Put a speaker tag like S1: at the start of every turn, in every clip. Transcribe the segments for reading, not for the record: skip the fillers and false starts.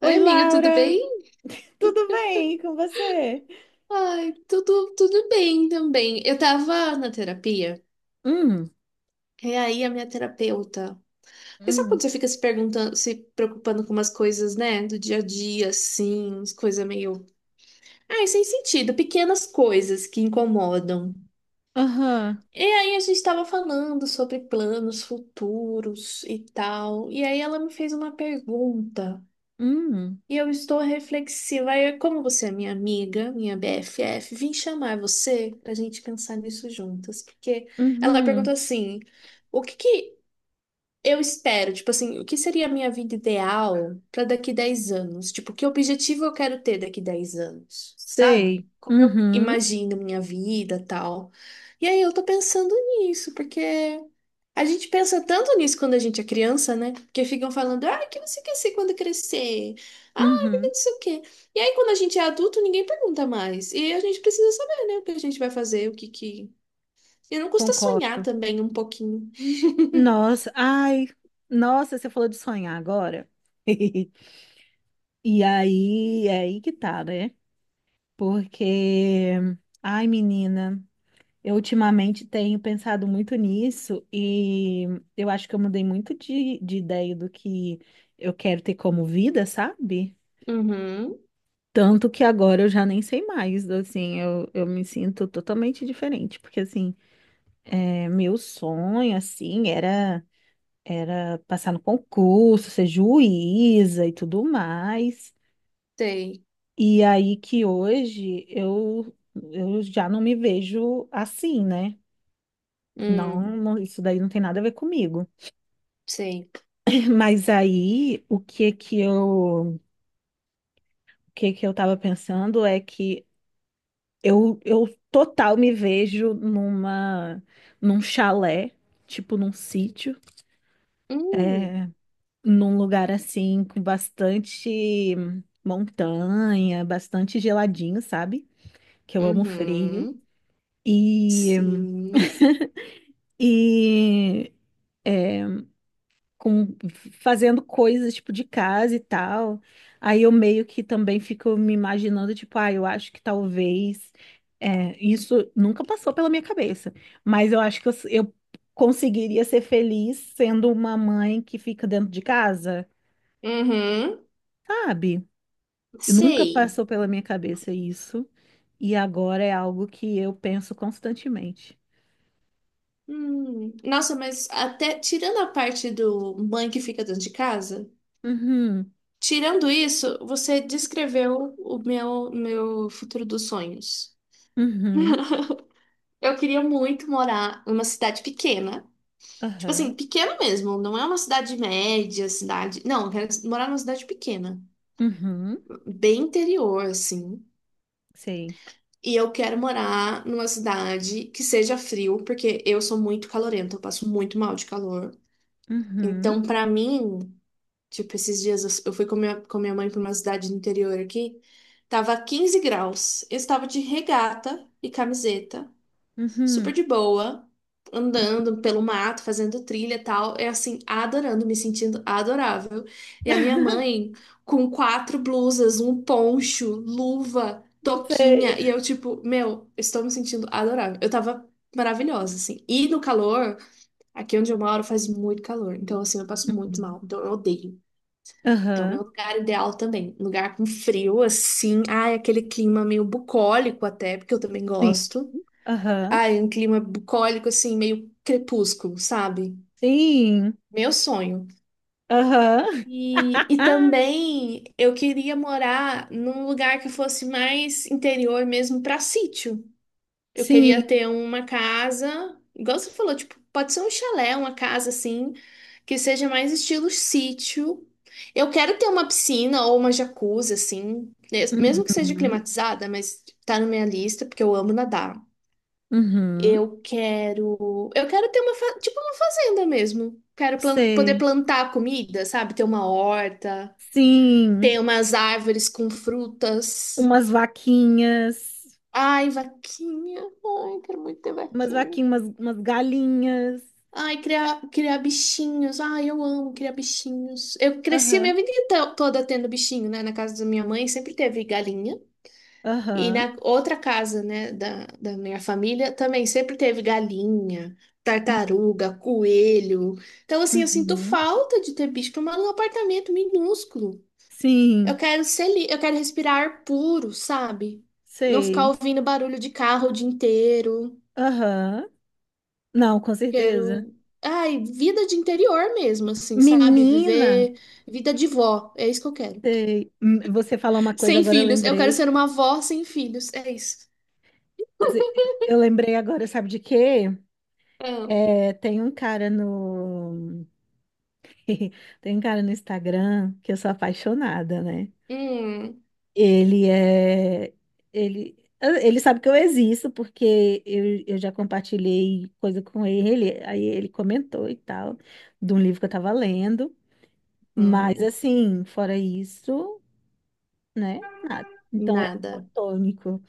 S1: Oi,
S2: Oi, amiga, tudo
S1: Laura!
S2: bem?
S1: Tudo bem com você?
S2: Ai, tudo bem também. Eu tava na terapia,
S1: Hum,
S2: e aí a minha terapeuta. Porque sabe quando
S1: hum,
S2: você fica se perguntando, se preocupando com umas coisas, né? Do dia a dia, assim, umas coisas meio. Ai, sem sentido, pequenas coisas que incomodam.
S1: aham,
S2: E aí a gente tava falando sobre planos futuros e tal. E aí ela me fez uma pergunta.
S1: hum,
S2: E eu estou reflexiva. Aí, como você é minha amiga, minha BFF, vim chamar você pra gente pensar nisso juntas. Porque ela perguntou
S1: uhum,
S2: assim: o que que eu espero, tipo assim, o que seria a minha vida ideal para daqui 10 anos? Tipo, que objetivo eu quero ter daqui 10 anos, sabe?
S1: sei,
S2: Como eu
S1: uhum,
S2: imagino minha vida, tal. E aí eu tô pensando nisso, porque a gente pensa tanto nisso quando a gente é criança, né? Porque ficam falando, ah, o que você quer ser quando crescer? Ah, porque
S1: uhum,
S2: não sei o quê. E aí quando a gente é adulto, ninguém pergunta mais. E a gente precisa saber, né, o que a gente vai fazer, o que que... E não custa sonhar
S1: concordo.
S2: também um pouquinho.
S1: Nossa, ai, nossa, você falou de sonhar agora. E aí, é aí que tá, né? Porque, ai, menina, eu ultimamente tenho pensado muito nisso e eu acho que eu mudei muito de ideia do que eu quero ter como vida, sabe?
S2: Uhum,
S1: Tanto que agora eu já nem sei mais, assim, eu me sinto totalmente diferente, porque, assim, é, meu sonho, assim, era, era passar no concurso, ser juíza e tudo mais,
S2: sei.
S1: e aí que hoje eu já não me vejo assim, né? Não,
S2: Hum,
S1: não, isso daí não tem nada a ver comigo.
S2: sei.
S1: Mas aí, o que que eu tava pensando é que eu total me vejo num chalé, tipo num sítio,
S2: Hum,
S1: é, num lugar assim com bastante montanha, bastante geladinho, sabe? Que eu amo frio.
S2: uhum,
S1: E,
S2: sim.
S1: e com fazendo coisas tipo de casa e tal. Aí eu meio que também fico me imaginando, tipo, ah, eu acho que talvez é, isso nunca passou pela minha cabeça, mas eu acho que eu conseguiria ser feliz sendo uma mãe que fica dentro de casa,
S2: Uhum,
S1: sabe? Nunca
S2: sei.
S1: passou pela minha cabeça isso, e agora é algo que eu penso constantemente.
S2: Hum. Nossa, mas até tirando a parte do mãe que fica dentro de casa,
S1: Uhum,
S2: tirando isso, você descreveu o meu futuro dos sonhos.
S1: uhum,
S2: Eu queria muito morar numa cidade pequena. Tipo assim,
S1: aham,
S2: pequena mesmo, não é uma cidade média, cidade. Não, eu quero morar numa cidade pequena,
S1: uhum,
S2: bem interior, assim.
S1: sei.
S2: E eu quero morar numa cidade que seja frio, porque eu sou muito calorenta, eu passo muito mal de calor.
S1: Uhum,
S2: Então, pra mim, tipo, esses dias eu fui com minha mãe pra uma cidade do interior aqui, tava 15 graus. Eu estava de regata e camiseta super
S1: uhum.
S2: de boa, andando pelo mato, fazendo trilha e tal. É assim, adorando, me sentindo adorável. E a minha mãe com quatro blusas, um poncho, luva, toquinha. E
S1: Sei.
S2: eu, tipo, meu, estou me sentindo adorável. Eu tava maravilhosa, assim. E no calor, aqui onde eu moro faz muito calor. Então, assim, eu passo muito
S1: Uhum.
S2: mal. Então, eu odeio. Então, meu
S1: Aham,
S2: lugar ideal também. Lugar com frio, assim. Ai, aquele clima meio bucólico até, porque eu também
S1: sim,
S2: gosto.
S1: aham,
S2: Ai, um clima bucólico, assim, meio crepúsculo, sabe?
S1: sim,
S2: Meu sonho.
S1: aham.
S2: E também eu queria morar num lugar que fosse mais interior mesmo para sítio. Eu queria
S1: Sim,
S2: ter uma casa, igual você falou, tipo, pode ser um chalé, uma casa assim, que seja mais estilo sítio. Eu quero ter uma piscina ou uma jacuzzi, assim, mesmo que seja
S1: uhum,
S2: climatizada, mas tá na minha lista, porque eu amo nadar.
S1: uhum,
S2: Eu quero ter uma, tipo uma fazenda mesmo. Quero poder
S1: sei,
S2: plantar comida, sabe? Ter uma horta,
S1: sim,
S2: ter umas árvores com frutas.
S1: umas vaquinhas,
S2: Ai, vaquinha. Ai, quero muito ter
S1: umas
S2: vaquinha.
S1: vaquinhas, umas galinhas,
S2: Ai, criar, criar bichinhos. Ai, eu amo criar bichinhos. Eu cresci a
S1: aham,
S2: minha vida toda tendo bichinho, né? Na casa da minha mãe sempre teve galinha. E
S1: aham,
S2: na outra casa, né, da minha família, também sempre teve galinha,
S1: uhum,
S2: tartaruga, coelho. Então, assim, eu sinto
S1: uhum,
S2: falta de ter bicho, que eu moro num apartamento minúsculo. Eu
S1: sim,
S2: quero ser, li- eu quero respirar ar puro, sabe? Não ficar
S1: sei,
S2: ouvindo barulho de carro o dia inteiro.
S1: aham, não, com certeza.
S2: Quero, ai, vida de interior mesmo, assim, sabe?
S1: Menina,
S2: Viver vida de vó, é isso que eu quero.
S1: sei, hum, você falou uma coisa,
S2: Sem
S1: agora eu
S2: filhos, eu quero
S1: lembrei,
S2: ser uma vó sem filhos, é isso.
S1: Você- eu lembrei agora, sabe de quê?
S2: Ah,
S1: É, tem um cara no tem um cara no Instagram que eu sou apaixonada, né?
S2: hum.
S1: Ele é ele sabe que eu existo porque eu já compartilhei coisa com ele, aí ele comentou e tal, de um livro que eu tava lendo, mas
S2: Hum.
S1: assim, fora isso, né? Nada. Então é
S2: Nada.
S1: platônico.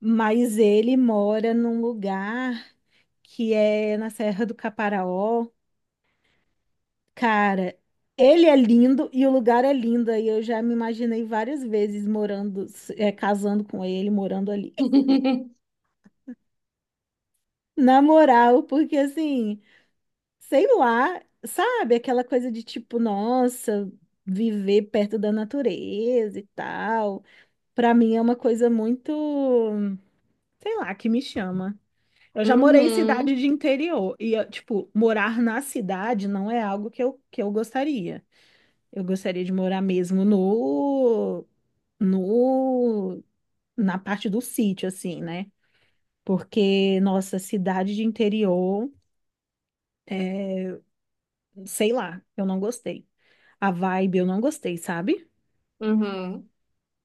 S1: Mas ele mora num lugar que é na Serra do Caparaó Cara, ele é lindo e o lugar é lindo. E eu já me imaginei várias vezes morando, é, casando com ele, morando ali. Na moral, porque assim, sei lá, sabe? Aquela coisa de tipo, nossa, viver perto da natureza e tal. Pra mim é uma coisa muito, sei lá, que me chama. Eu já morei em cidade
S2: Uhum,
S1: de interior e, eu, tipo, morar na cidade não é algo que eu gostaria. Eu gostaria de morar mesmo no, no, na parte do sítio, assim, né? Porque, nossa, cidade de interior, é, sei lá, eu não gostei. A vibe eu não gostei, sabe?
S2: uhum,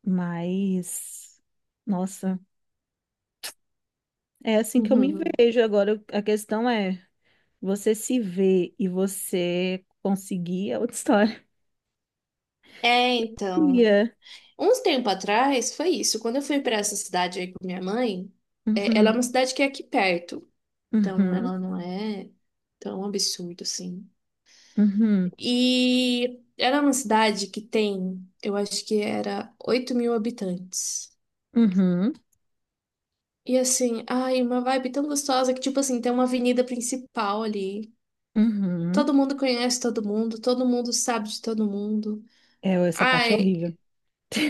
S1: Mas, nossa, é assim que eu me
S2: uhum.
S1: vejo. Agora, a questão é, você se vê e você conseguir é outra história.
S2: É, então,
S1: Ia.
S2: uns tempo atrás foi isso. Quando eu fui para essa cidade aí com minha mãe, é, ela é
S1: Uhum,
S2: uma cidade que é aqui perto, então
S1: uhum,
S2: ela não é tão absurdo assim.
S1: uhum,
S2: E era uma cidade que tem, eu acho que era 8 mil habitantes.
S1: uhum,
S2: E assim, ai, uma vibe tão gostosa que, tipo assim, tem uma avenida principal ali.
S1: uhum.
S2: Todo mundo conhece todo mundo sabe de todo mundo.
S1: É, essa parte é
S2: Ai,
S1: horrível.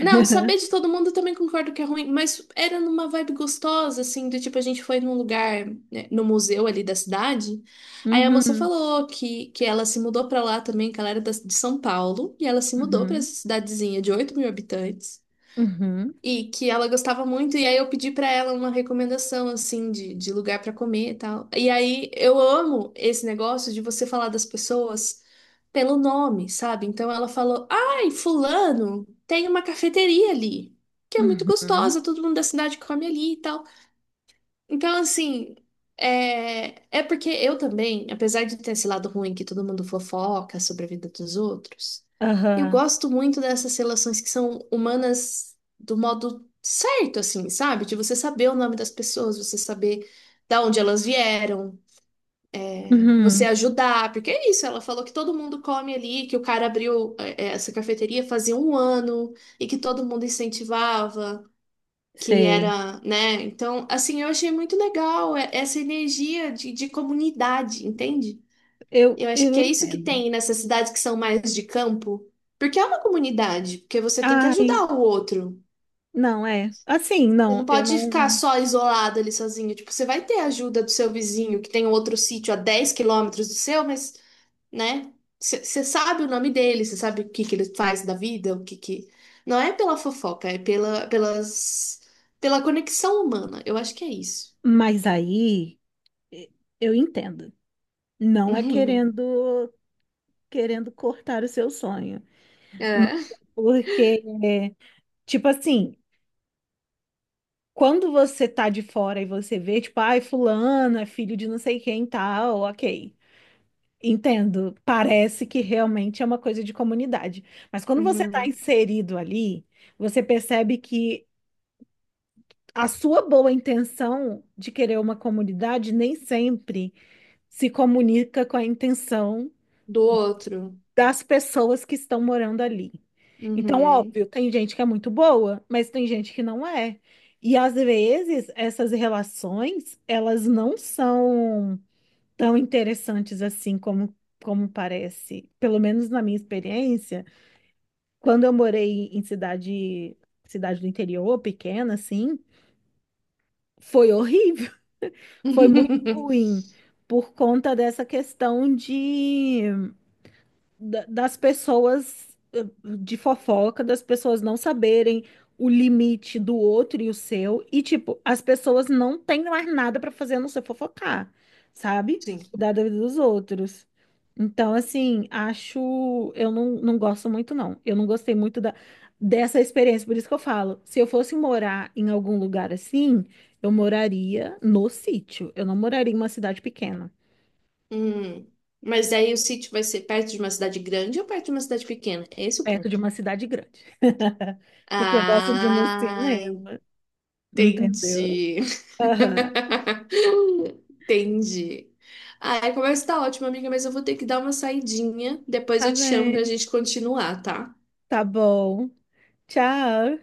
S2: não, saber de todo mundo eu também concordo que é ruim, mas era numa vibe gostosa, assim, do tipo, a gente foi num lugar, né, no museu ali da cidade, aí a moça
S1: Uhum,
S2: falou que ela se mudou pra lá também, que ela era de São Paulo, e ela se mudou pra
S1: uhum,
S2: essa cidadezinha de 8 mil habitantes,
S1: uhum,
S2: e que ela gostava muito, e aí eu pedi pra ela uma recomendação, assim, de lugar pra comer e tal. E aí eu amo esse negócio de você falar das pessoas pelo nome, sabe? Então ela falou: Ai, Fulano, tem uma cafeteria ali, que é muito
S1: uhum,
S2: gostosa, todo mundo da cidade come ali e tal. Então, assim, é porque eu também, apesar de ter esse lado ruim que todo mundo fofoca sobre a vida dos outros, eu
S1: aham,
S2: gosto muito dessas relações que são humanas do modo certo, assim, sabe? De você saber o nome das pessoas, você saber da onde elas vieram, você
S1: uhum,
S2: ajudar, porque é isso, ela falou que todo mundo come ali, que o cara abriu é, essa cafeteria fazia um ano e que todo mundo incentivava que
S1: sei.
S2: era, né? Então, assim, eu achei muito legal essa energia de, comunidade, entende? Eu acho
S1: Eu
S2: que é isso que
S1: entendo.
S2: tem nessas cidades que são mais de campo, porque é uma comunidade, porque você tem que
S1: Ai,
S2: ajudar o outro.
S1: não, é. Assim,
S2: Você
S1: não,
S2: não
S1: eu
S2: pode ficar
S1: não.
S2: só isolado ali sozinho. Tipo, você vai ter a ajuda do seu vizinho que tem outro sítio a 10 km do seu, mas, né? Você sabe o nome dele, você sabe o que que ele faz da vida, o que que... Não é pela fofoca, é pela conexão humana. Eu acho que é isso.
S1: Mas aí, e- eu entendo. Não é
S2: Uhum.
S1: querendo cortar o seu sonho. Mas
S2: É.
S1: é porque, tipo assim, quando você tá de fora e você vê, tipo, ai, fulano é filho de não sei quem e tal, ok. Entendo. Parece que realmente é uma coisa de comunidade. Mas quando você está
S2: Uhum.
S1: inserido ali, você percebe que a sua boa intenção de querer uma comunidade nem sempre se comunica com a intenção
S2: Do outro.
S1: das pessoas que estão morando ali. Então,
S2: Uhum.
S1: óbvio, tem gente que é muito boa, mas tem gente que não é. E às vezes essas relações, elas não são tão interessantes assim como parece. Pelo menos na minha experiência, quando eu morei em cidade do interior, pequena, assim, foi horrível, foi muito ruim por conta dessa questão das pessoas de fofoca, das pessoas não saberem o limite do outro e o seu, e tipo, as pessoas não têm mais nada pra fazer a não ser fofocar, sabe?
S2: Sim.
S1: Cuidar da vida dos outros. Então, assim, acho. Eu não, não gosto muito, não. Eu não gostei muito dessa experiência. Por isso que eu falo, se eu fosse morar em algum lugar assim, eu moraria no sítio. Eu não moraria em uma cidade pequena.
S2: Hum. Mas daí o sítio vai ser perto de uma cidade grande ou perto de uma cidade pequena? É esse é o
S1: Perto de
S2: ponto.
S1: uma cidade grande. Porque eu gosto de ir no
S2: Ah,
S1: cinema, entendeu?
S2: entendi.
S1: Aham.
S2: Entendi. Ah, a conversa tá ótima, amiga, mas eu vou ter que dar uma saidinha. Depois
S1: Tá
S2: eu te chamo pra
S1: bem,
S2: gente continuar, tá?
S1: tá bom. Tchau.